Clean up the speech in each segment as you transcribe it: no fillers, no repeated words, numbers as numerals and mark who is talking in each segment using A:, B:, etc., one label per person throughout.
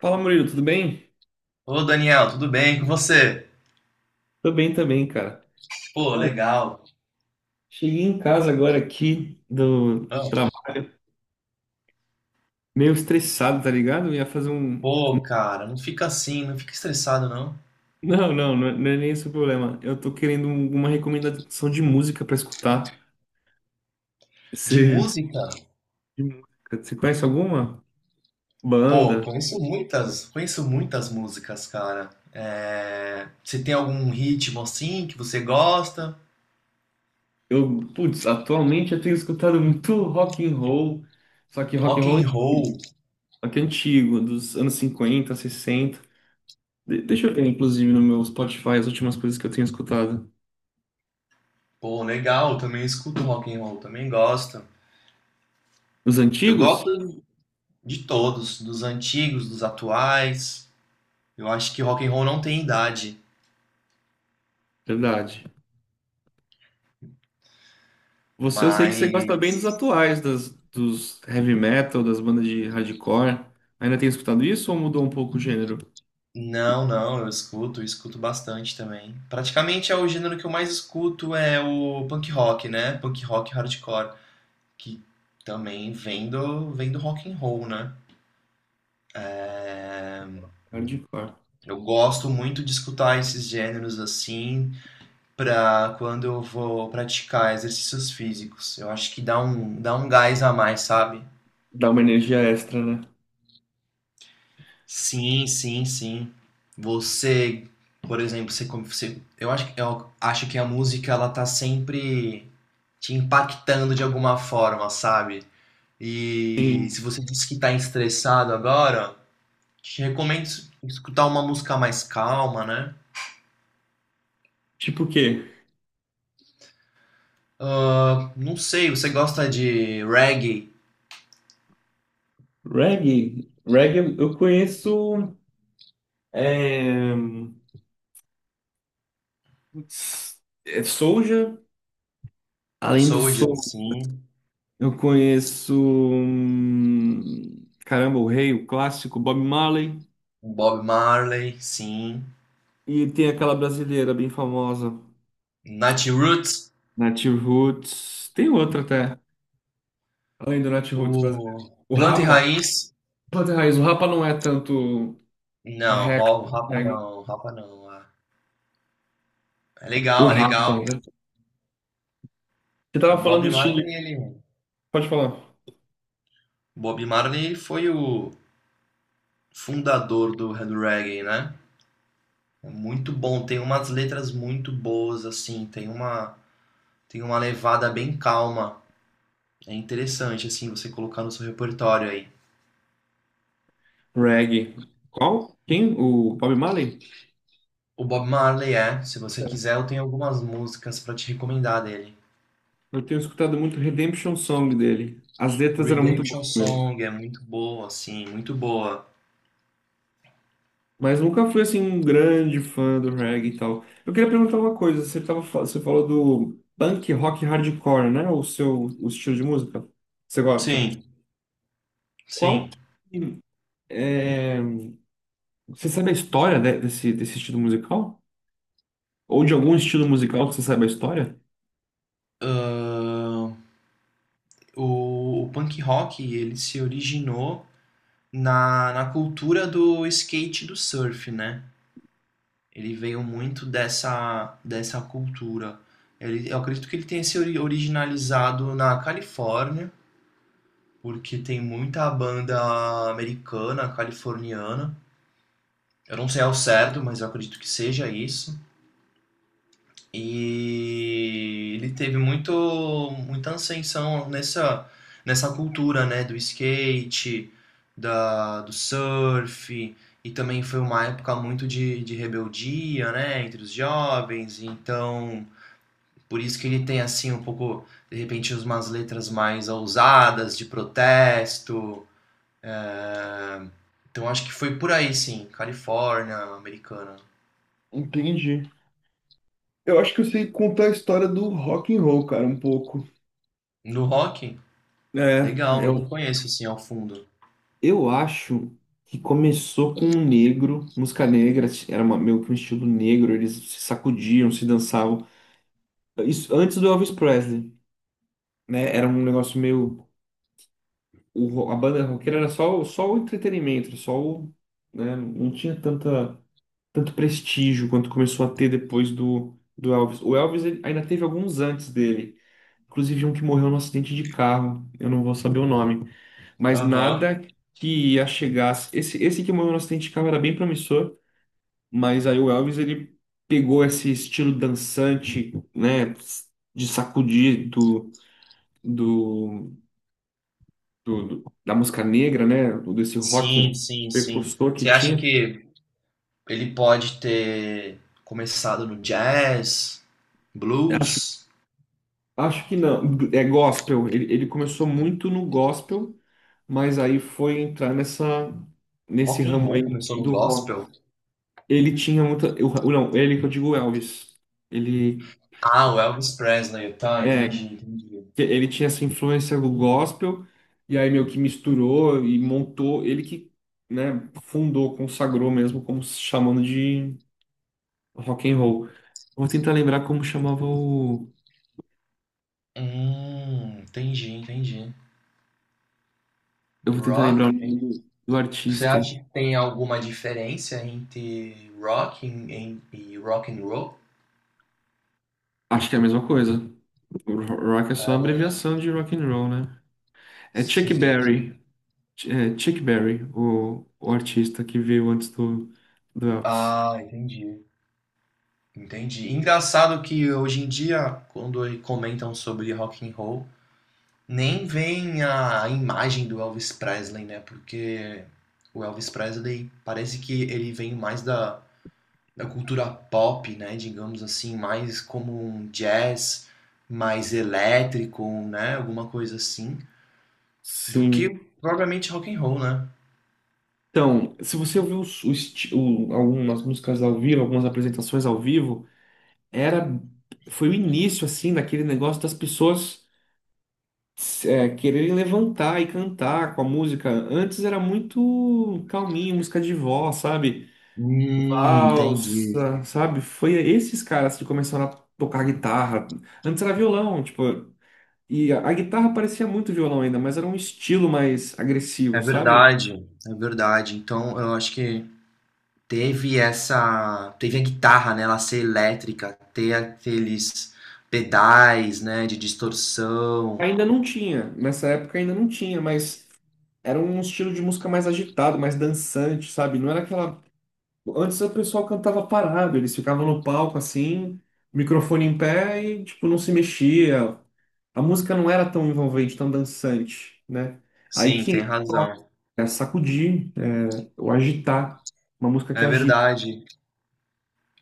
A: Fala, Murilo, tudo bem?
B: Ô Daniel, tudo bem com você?
A: Tô bem também, cara.
B: Pô,
A: Cara,
B: legal.
A: cheguei em casa agora aqui do
B: Ah,
A: trabalho, meio estressado, tá ligado? Eu ia fazer um.
B: Pô, cara, não fica assim, não fica estressado não.
A: Não, não, não é nem esse o problema. Eu tô querendo um, uma recomendação de música pra escutar.
B: De
A: Você,
B: música?
A: de música, você conhece alguma
B: Pô,
A: banda?
B: conheço muitas músicas, cara. Você tem algum ritmo assim que você gosta?
A: Eu, putz, atualmente eu tenho escutado muito rock and roll, só que rock and
B: Rock
A: roll
B: and roll.
A: aqui é antigo, dos anos 50, 60. Deixa eu ver, inclusive, no meu Spotify as últimas coisas que eu tenho escutado.
B: Pô, legal, também escuto rock and roll, também gosto.
A: Os
B: Eu
A: antigos?
B: gosto de todos, dos antigos, dos atuais. Eu acho que rock and roll não tem idade,
A: Verdade. Você, eu sei que você gosta bem
B: mas
A: dos atuais, das, dos heavy metal, das bandas de hardcore. Ainda tem escutado isso ou mudou um pouco o gênero?
B: não, não, eu escuto bastante também. Praticamente é o gênero que eu mais escuto é o punk rock, né? Punk rock hardcore, que também vem do rock and roll, né?
A: Hardcore.
B: Eu gosto muito de escutar esses gêneros assim pra quando eu vou praticar exercícios físicos. Eu acho que dá um gás a mais, sabe?
A: Dá uma energia extra, né?
B: Sim, sim, sim. Você, por exemplo, você eu acho, eu acho que a música ela tá sempre te impactando de alguma forma, sabe? E
A: Sim.
B: se você disse que tá estressado agora, te recomendo escutar uma música mais calma, né?
A: Tipo o quê?
B: Ah, não sei, você gosta de reggae.
A: Reggae. Reggae eu conheço. É... Putz, é Soulja. Além do
B: Soulja,
A: Soul,
B: sim.
A: eu conheço. Caramba, o Rei, o clássico, Bob Marley.
B: Bob Marley, sim.
A: E tem aquela brasileira bem famosa,
B: Nat Roots,
A: Native Roots. Tem outra até. Além do Netroots brasileiro.
B: o
A: O
B: Planta e
A: Rapa,
B: Raiz,
A: pode ter raiz, o Rapa não é tanto
B: não,
A: rap,
B: Rapa
A: reggae.
B: não, Rapa não. Ah. É
A: O
B: legal, é
A: Rapa,
B: legal.
A: né? Você
B: O
A: tava falando do
B: Bob
A: estilo,
B: Marley, ele,
A: pode falar.
B: Bob Marley foi o fundador do reggae, né? É muito bom, tem umas letras muito boas, assim, tem uma levada bem calma. É interessante, assim, você colocar no seu repertório aí.
A: Reggae. Qual? Quem? O Bob Marley?
B: O Bob Marley é, se você quiser, eu tenho algumas músicas pra te recomendar dele.
A: Eu tenho escutado muito Redemption Song dele. As letras eram muito boas
B: Redemption
A: mesmo.
B: Song é muito boa, assim, muito boa.
A: Mas nunca fui assim um grande fã do reggae e tal. Eu queria perguntar uma coisa, você tava, você falou do punk rock hardcore, né? O seu o estilo de música. Você gosta?
B: Sim,
A: Qual
B: sim.
A: que é, você sabe a história desse, desse estilo musical? Ou de algum estilo musical que você sabe a história?
B: Ahn, o punk rock, ele se originou na cultura do skate e do surf, né? Ele veio muito dessa cultura. Ele, eu acredito que ele tenha se originalizado na Califórnia, porque tem muita banda americana, californiana. Eu não sei ao certo, mas eu acredito que seja isso. E ele teve muito, muita ascensão nessa cultura, né? Do skate, do surf. E também foi uma época muito de rebeldia, né? Entre os jovens. Então, por isso que ele tem, assim, um pouco, de repente, umas letras mais ousadas, de protesto. Então acho que foi por aí, sim. Califórnia, americana.
A: Entendi. Eu acho que eu sei contar a história do rock and roll, cara, um pouco.
B: No rock,
A: É,
B: legal, eu não conheço, assim, ao fundo.
A: eu acho que começou com um negro, música negra, era meio que um estilo negro, eles se sacudiam, se dançavam. Isso antes do Elvis Presley, né? Era um negócio meio. A banda roqueira era só, só o entretenimento, só o. Né, não tinha tanta, tanto prestígio quanto começou a ter depois do, do Elvis. O Elvis ele ainda teve alguns antes dele, inclusive um que morreu num acidente de carro, eu não vou saber o nome, mas
B: Aham.
A: nada que ia chegar. Esse que morreu num acidente de carro era bem promissor, mas aí o Elvis ele pegou esse estilo dançante, né? De sacudir do. Da música negra, né? Desse rock
B: Sim, sim, sim.
A: precursor que
B: Você acha
A: tinha.
B: que ele pode ter começado no jazz,
A: Acho,
B: blues,
A: acho que não. É gospel. Ele começou muito no gospel, mas aí foi entrar nessa, nesse
B: rock and
A: ramo
B: roll,
A: aí
B: começou no
A: do
B: gospel?
A: rock. Ele tinha muita. Não, ele que eu digo Elvis. Ele,
B: Ah, o Elvis Presley, tá,
A: é,
B: entendi, entendi.
A: que ele tinha essa influência do gospel, e aí meio que misturou e montou. Ele que, né, fundou, consagrou mesmo, como se chamando de. Rock and roll. Vou tentar lembrar como chamava o.
B: Entendi, entendi.
A: Eu vou tentar
B: Rock?
A: lembrar o nome do
B: Você
A: artista.
B: acha que tem alguma diferença entre rock e rock and roll?
A: Acho que é a mesma coisa. Rock é só a
B: É, né?
A: abreviação de rock and roll, né? É Chuck
B: Sim, sim.
A: Berry. É Chuck Berry, o artista que veio antes do, do Elvis.
B: Ah, entendi. Entendi. Engraçado que hoje em dia, quando aí comentam sobre rock and roll, nem vem a imagem do Elvis Presley, né? Porque o Elvis Presley parece que ele vem mais da cultura pop, né? Digamos assim, mais como um jazz mais elétrico, né? Alguma coisa assim. Do que
A: Sim.
B: propriamente rock and roll, né?
A: Então, se você ouviu algumas músicas ao vivo, algumas apresentações ao vivo, era foi o início assim daquele negócio das pessoas. É, quererem levantar e cantar com a música. Antes era muito calminho, música de vó, sabe?
B: Entendi.
A: Valsa, sabe? Foi esses caras que começaram a tocar guitarra. Antes era violão, tipo, e a guitarra parecia muito violão ainda, mas era um estilo mais
B: É
A: agressivo, sabe?
B: verdade, é verdade. Então, eu acho que teve essa, teve a guitarra, né, ela ser elétrica, ter aqueles pedais, né, de distorção.
A: Ainda não tinha, nessa época ainda não tinha, mas era um estilo de música mais agitado, mais dançante, sabe? Não era aquela. Antes o pessoal cantava parado, eles ficavam no palco assim, microfone em pé e tipo não se mexia. A música não era tão envolvente, tão dançante, né? Aí
B: Sim,
A: que
B: tem
A: entra o rock,
B: razão.
A: é sacudir, é o agitar, uma música que
B: É
A: agita.
B: verdade.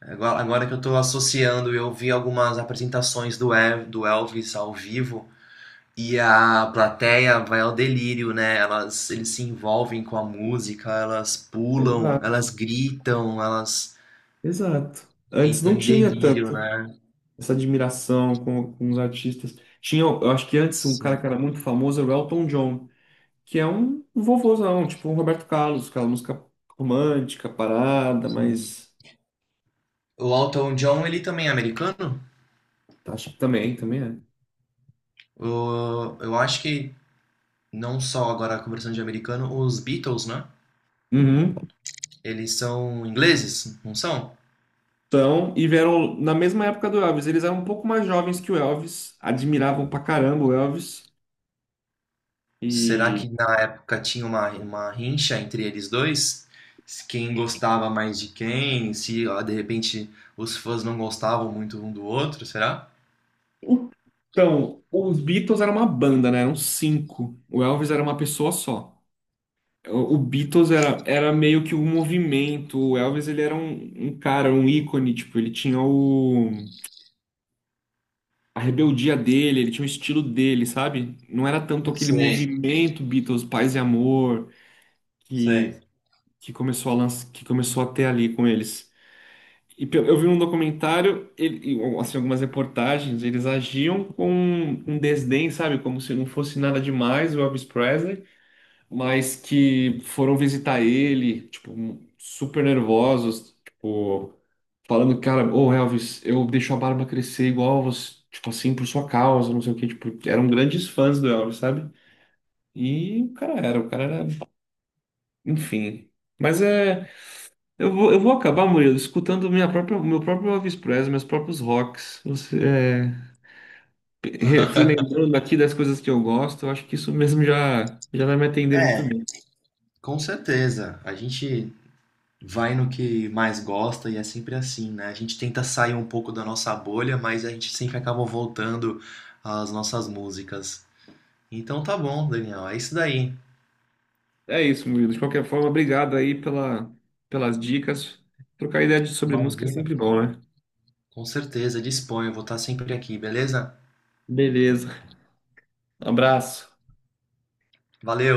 B: Agora, agora que eu tô associando, eu vi algumas apresentações do Elvis ao vivo. E a plateia vai ao delírio, né? Elas, eles se envolvem com a música, elas pulam,
A: Exato,
B: elas gritam, elas
A: exato. Antes
B: entram
A: não
B: em
A: tinha
B: delírio,
A: tanto
B: né?
A: essa admiração com os artistas. Tinha, eu acho que antes um cara que
B: Sim,
A: era muito famoso era o Elton John, que é um vovôzão, tipo um Roberto Carlos, aquela música romântica, parada,
B: sim.
A: mas
B: O Elton John, ele também é americano?
A: acho também, também é.
B: Eu acho que não, só agora conversando de americano, os Beatles, né?
A: Uhum.
B: Eles são ingleses, não são?
A: Então, e vieram na mesma época do Elvis. Eles eram um pouco mais jovens que o Elvis, admiravam pra caramba o Elvis.
B: Será
A: E
B: que na época tinha uma rincha entre eles dois? Se quem gostava mais de quem? Se ó, de repente os fãs não gostavam muito um do outro, será?
A: então, os Beatles era uma banda, né? Eram cinco. O Elvis era uma pessoa só. O Beatles era, era meio que um movimento. O Elvis, ele era um, um cara, um ícone, tipo, ele tinha o, a rebeldia dele, ele tinha o estilo dele, sabe? Não era tanto aquele
B: Sei,
A: movimento Beatles, Paz e Amor,
B: sei.
A: que começou a lança, que começou a ter ali com eles. E eu vi um documentário, ele, e, assim, algumas reportagens, eles agiam com um desdém, sabe? Como se não fosse nada demais o Elvis Presley, mas que foram visitar ele, tipo, um, super nervosos, tipo, falando, cara, ô Elvis, eu deixo a barba crescer igual você, tipo assim, por sua causa, não sei o quê, tipo, eram grandes fãs do Elvis, sabe? E o cara era, enfim. Mas é. Eu vou acabar, Murilo, escutando minha própria, meu próprio Elvis Presley, meus próprios rocks. Você, é, fui lembrando aqui das coisas que eu gosto, eu acho que isso mesmo já, já vai me atender muito
B: É,
A: bem.
B: com certeza. A gente vai no que mais gosta e é sempre assim, né? A gente tenta sair um pouco da nossa bolha, mas a gente sempre acaba voltando às nossas músicas. Então tá bom, Daniel. É isso daí.
A: É isso, Murilo. De qualquer forma, obrigado aí pela, pelas dicas. Trocar ideia sobre música é
B: Imagina.
A: sempre bom, né?
B: Com certeza, disponho. Vou estar sempre aqui, beleza?
A: Beleza. Abraço.
B: Valeu!